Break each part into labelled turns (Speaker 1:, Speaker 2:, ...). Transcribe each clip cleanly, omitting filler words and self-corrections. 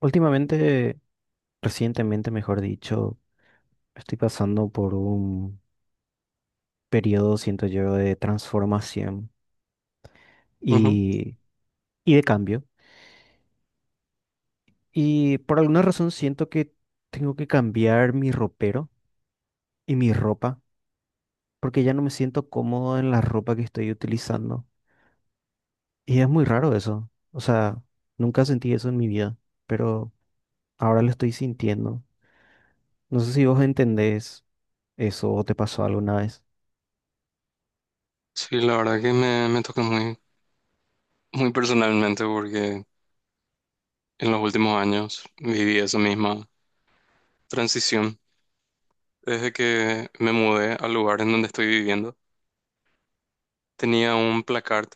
Speaker 1: Últimamente, recientemente, mejor dicho, estoy pasando por un periodo, siento yo, de transformación
Speaker 2: Ujú.
Speaker 1: y, y de cambio. Y por alguna razón siento que tengo que cambiar mi ropero y mi ropa, porque ya no me siento cómodo en la ropa que estoy utilizando. Y es muy raro eso. O sea, nunca sentí eso en mi vida, pero ahora lo estoy sintiendo. No sé si vos entendés eso o te pasó alguna vez.
Speaker 2: Sí, la verdad que me toca muy, muy personalmente porque en los últimos años viví esa misma transición. Desde que me mudé al lugar en donde estoy viviendo, tenía un placard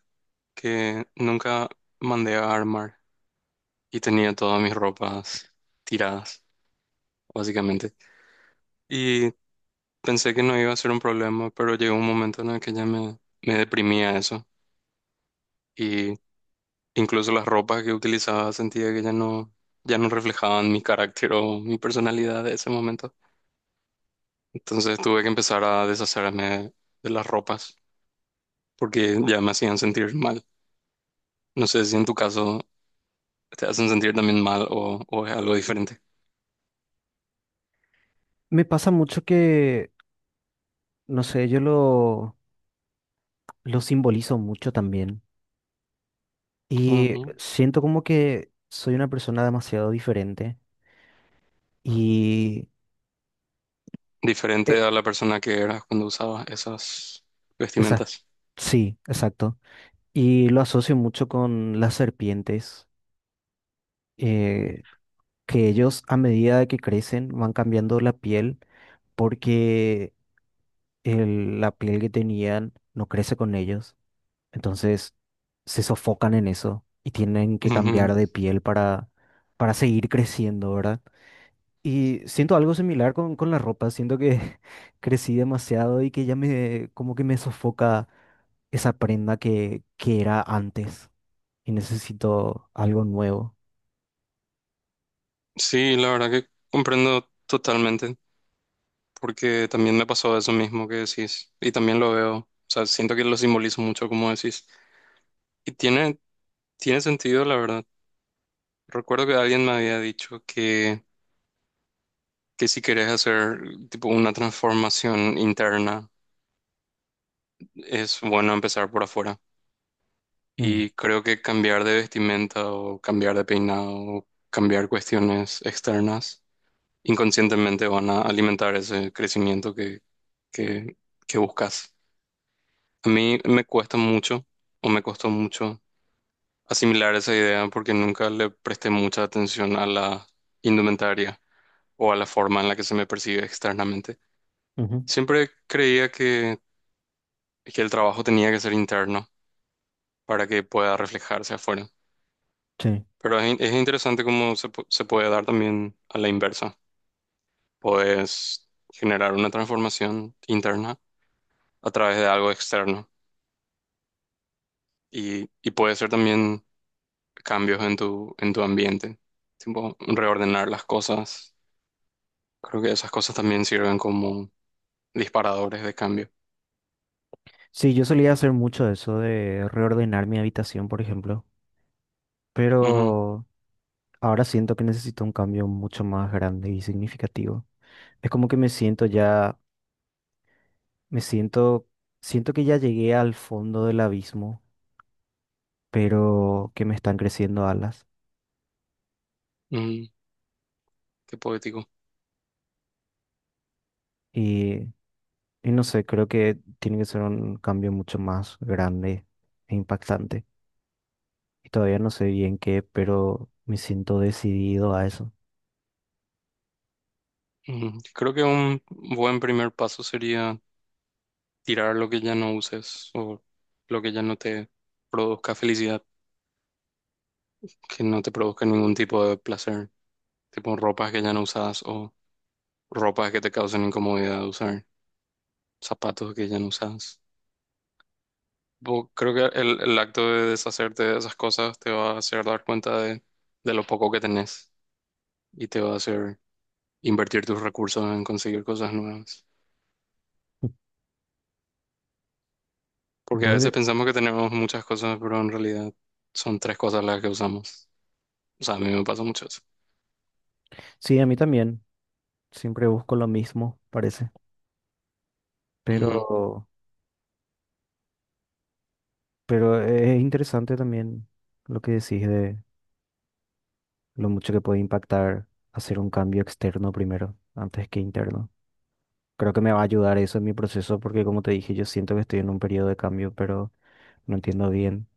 Speaker 2: que nunca mandé a armar y tenía todas mis ropas tiradas, básicamente. Y pensé que no iba a ser un problema, pero llegó un momento en el que ya me deprimía eso. Incluso las ropas que utilizaba sentía que ya no reflejaban mi carácter o mi personalidad de ese momento. Entonces tuve que empezar a deshacerme de las ropas porque ya me hacían sentir mal. No sé si en tu caso te hacen sentir también mal o es algo diferente.
Speaker 1: Me pasa mucho que no sé, yo lo simbolizo mucho también. Y
Speaker 2: Ujú.
Speaker 1: siento como que soy una persona demasiado diferente. Y... eh,
Speaker 2: Diferente a la persona que eras cuando usabas esas
Speaker 1: esa-
Speaker 2: vestimentas.
Speaker 1: sí, exacto. Y lo asocio mucho con las serpientes, eh, que ellos a medida de que crecen van cambiando la piel porque la piel que tenían no crece con ellos. Entonces se sofocan en eso y tienen que cambiar
Speaker 2: Ujú.
Speaker 1: de piel para seguir creciendo, ¿verdad? Y siento algo similar con la ropa, siento que crecí demasiado y que ya me, como que me sofoca esa prenda que era antes y necesito algo nuevo.
Speaker 2: Sí, la verdad que comprendo totalmente, porque también me pasó eso mismo que decís, y también lo veo, o sea, siento que lo simbolizo mucho como decís. Y tiene sentido, la verdad. Recuerdo que alguien me había dicho que si querés hacer tipo una transformación interna, es bueno empezar por afuera.
Speaker 1: Mm,
Speaker 2: Y creo que cambiar de vestimenta o cambiar de peinado o cambiar cuestiones externas inconscientemente van a alimentar ese crecimiento que, que buscas. A mí me cuesta mucho o me costó mucho asimilar esa idea porque nunca le presté mucha atención a la indumentaria, o a la forma en la que se me percibe externamente.
Speaker 1: ujú.
Speaker 2: Siempre creía que el trabajo tenía que ser interno para que pueda reflejarse afuera.
Speaker 1: Sí.
Speaker 2: Pero es interesante cómo se puede dar también a la inversa. Puedes generar una transformación interna a través de algo externo y puede ser también cambios en tu ambiente, tipo reordenar las cosas. Creo que esas cosas también sirven como disparadores de cambio.
Speaker 1: Sí, yo solía hacer mucho eso de reordenar mi habitación, por ejemplo,
Speaker 2: Ujú,
Speaker 1: pero ahora siento que necesito un cambio mucho más grande y significativo. Es como que me siento ya, me siento, siento que ya llegué al fondo del abismo, pero que me están creciendo alas.
Speaker 2: ujú. Qué poético.
Speaker 1: Y, y no sé, creo que tiene que ser un cambio mucho más grande e impactante. Y todavía no sé bien qué, pero me siento decidido a eso.
Speaker 2: Ujú. Creo que un buen primer paso sería tirar lo que ya no uses o lo que ya no te produzca felicidad, que no te produzca ningún tipo de placer, tipo ropas que ya no usas o ropas que te causen incomodidad de usar, zapatos que ya no usas. Creo que el acto de deshacerte de esas cosas te va a hacer dar cuenta de lo poco que tenés y te va a hacer invertir tus recursos en conseguir cosas nuevas. Porque a
Speaker 1: Vos
Speaker 2: veces
Speaker 1: de-
Speaker 2: pensamos que tenemos muchas cosas, pero en realidad son tres cosas las que usamos. O sea, a mí me pasa mucho eso.
Speaker 1: sí, a mí también. Siempre busco lo mismo, parece. Pero,
Speaker 2: Ujú.
Speaker 1: pero es interesante también lo que decís de lo mucho que puede impactar hacer un cambio externo primero, antes que interno. Creo que me va a ayudar eso en mi proceso porque, como te dije, yo siento que estoy en un periodo de cambio, pero no entiendo bien.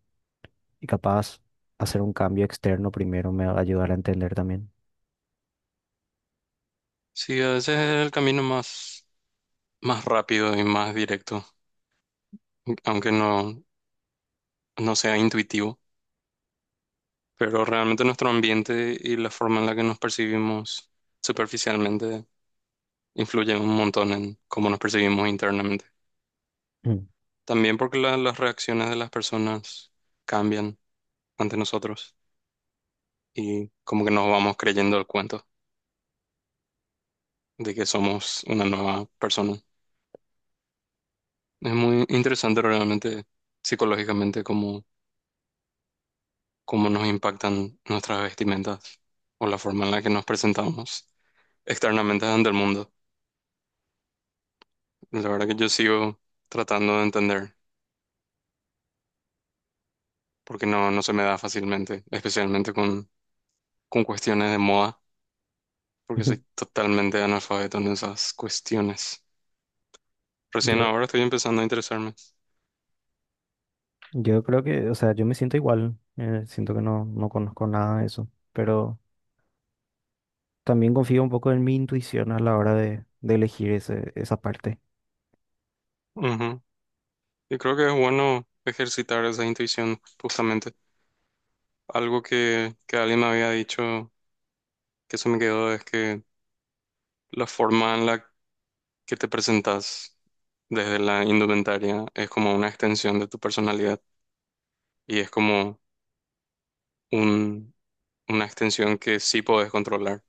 Speaker 1: Y capaz hacer un cambio externo primero me va a ayudar a entender también.
Speaker 2: Sí, a veces es el camino más rápido y más directo, aunque no, no sea intuitivo. Pero realmente nuestro ambiente y la forma en la que nos percibimos superficialmente influyen un montón en cómo nos percibimos internamente.
Speaker 1: Mm.
Speaker 2: También porque las reacciones de las personas cambian ante nosotros y como que nos vamos creyendo el cuento de que somos una nueva persona. Es muy interesante realmente psicológicamente cómo nos impactan nuestras vestimentas o la forma en la que nos presentamos externamente ante el mundo. La verdad que yo sigo tratando de entender porque no, no se me da fácilmente, especialmente con cuestiones de moda, porque soy totalmente analfabeto en esas cuestiones. Recién
Speaker 1: Yo,
Speaker 2: ahora estoy empezando a interesarme.
Speaker 1: yo creo que, o sea, yo me siento igual. Eh, siento que no conozco nada de eso. Pero también confío un poco en mi intuición a la hora de elegir esa parte.
Speaker 2: Ujú. Y creo que es bueno ejercitar esa intuición justamente. Algo que alguien me había dicho que se me quedó es que la forma en la que te presentas desde la indumentaria es como una extensión de tu personalidad y es como un, una extensión que sí podés controlar,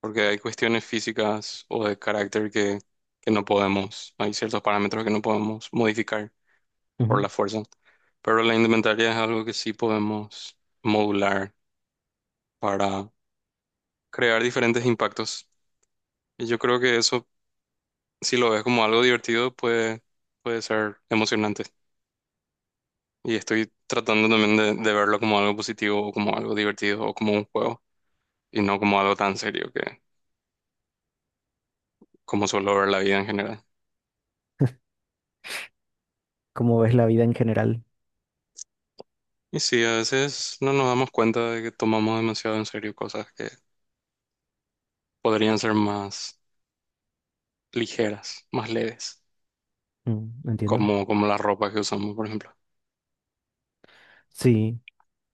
Speaker 2: porque hay cuestiones físicas o de carácter que no podemos, hay ciertos parámetros que no podemos modificar por
Speaker 1: Ujú.
Speaker 2: la fuerza, pero la indumentaria es algo que sí podemos modular para crear diferentes impactos. Y yo creo que eso si lo ves como algo divertido, puede ser emocionante. Y estoy tratando también de verlo como algo positivo o como algo divertido o como un juego y no como algo tan serio que como suelo ver la vida en general.
Speaker 1: Cómo ves la vida en general.
Speaker 2: Y sí, a veces no nos damos cuenta de que tomamos demasiado en serio cosas que podrían ser más ligeras, más leves,
Speaker 1: Mm, entiendo.
Speaker 2: como la ropa que usamos, por ejemplo.
Speaker 1: Sí,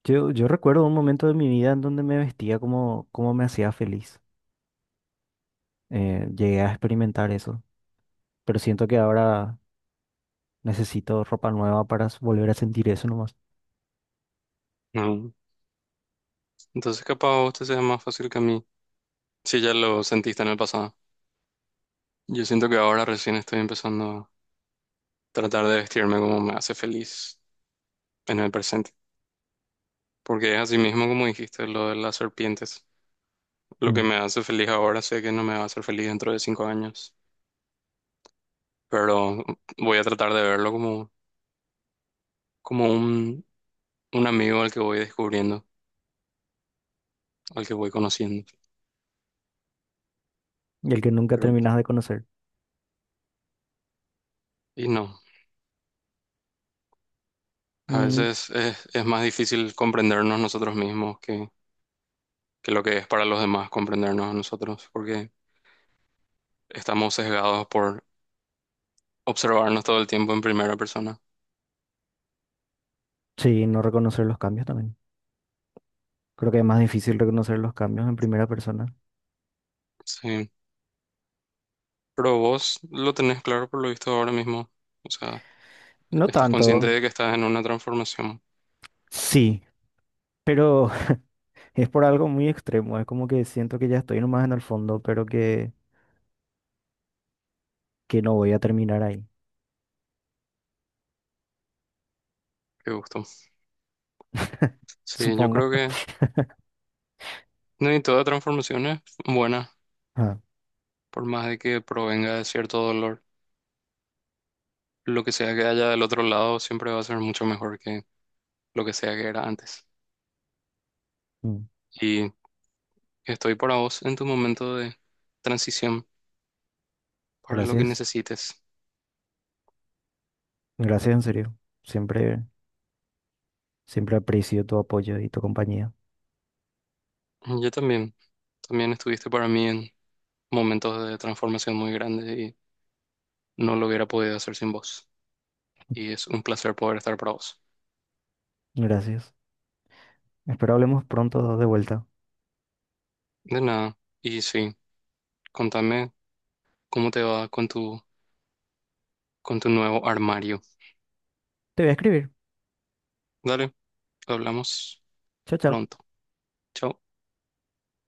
Speaker 1: yo recuerdo un momento de mi vida en donde me vestía como me hacía feliz. Llegué a experimentar eso. Pero siento que ahora necesito ropa nueva para volver a sentir eso.
Speaker 2: Ujú. Entonces capaz a usted sea más fácil que a mí, si ya lo sentiste en el pasado. Yo siento que ahora recién estoy empezando tratar de vestirme como me hace feliz en el presente. Porque es así mismo como dijiste lo de las serpientes. Lo que
Speaker 1: Mm.
Speaker 2: me hace feliz ahora sé que no me va a hacer feliz dentro de 5 años, pero voy a tratar de verlo como un amigo al que voy descubriendo, al que voy conociendo.
Speaker 1: Y el que nunca
Speaker 2: Pero,
Speaker 1: terminas de conocer.
Speaker 2: y no, a
Speaker 1: Mm.
Speaker 2: veces es más difícil comprendernos nosotros mismos que lo que es para los demás comprendernos a nosotros, porque estamos sesgados por observarnos todo el tiempo en primera persona.
Speaker 1: Sí, no reconocer los cambios también. Creo que es más difícil reconocer los cambios en primera persona.
Speaker 2: Sí. Pero vos lo tenés claro por lo visto ahora mismo. O sea,
Speaker 1: No
Speaker 2: estás consciente
Speaker 1: tanto,
Speaker 2: de que estás en una transformación.
Speaker 1: sí, pero es por algo muy extremo. Es como que siento que ya estoy nomás en el fondo, pero que no voy a terminar ahí,
Speaker 2: Qué gusto. Sí, yo
Speaker 1: supongo.
Speaker 2: creo que no hay toda transformación es buena,
Speaker 1: Ah,
Speaker 2: por más de que provenga de cierto dolor. Lo que sea que haya del otro lado siempre va a ser mucho mejor que lo que sea que era antes.
Speaker 1: mm.
Speaker 2: Y estoy para vos en tu momento de transición, para lo que
Speaker 1: Gracias.
Speaker 2: necesites.
Speaker 1: Gracias en serio. Siempre, siempre aprecio tu apoyo y tu compañía.
Speaker 2: Yo también. También estuviste para mí en momentos de transformación muy grandes y no lo hubiera podido hacer sin vos. Y es un placer poder estar para vos.
Speaker 1: Gracias. Espero hablemos pronto de vuelta.
Speaker 2: De nada. Y sí, contame cómo te va con tu nuevo armario.
Speaker 1: Te voy a escribir.
Speaker 2: Dale, hablamos
Speaker 1: Chao, chao.
Speaker 2: pronto. Chao.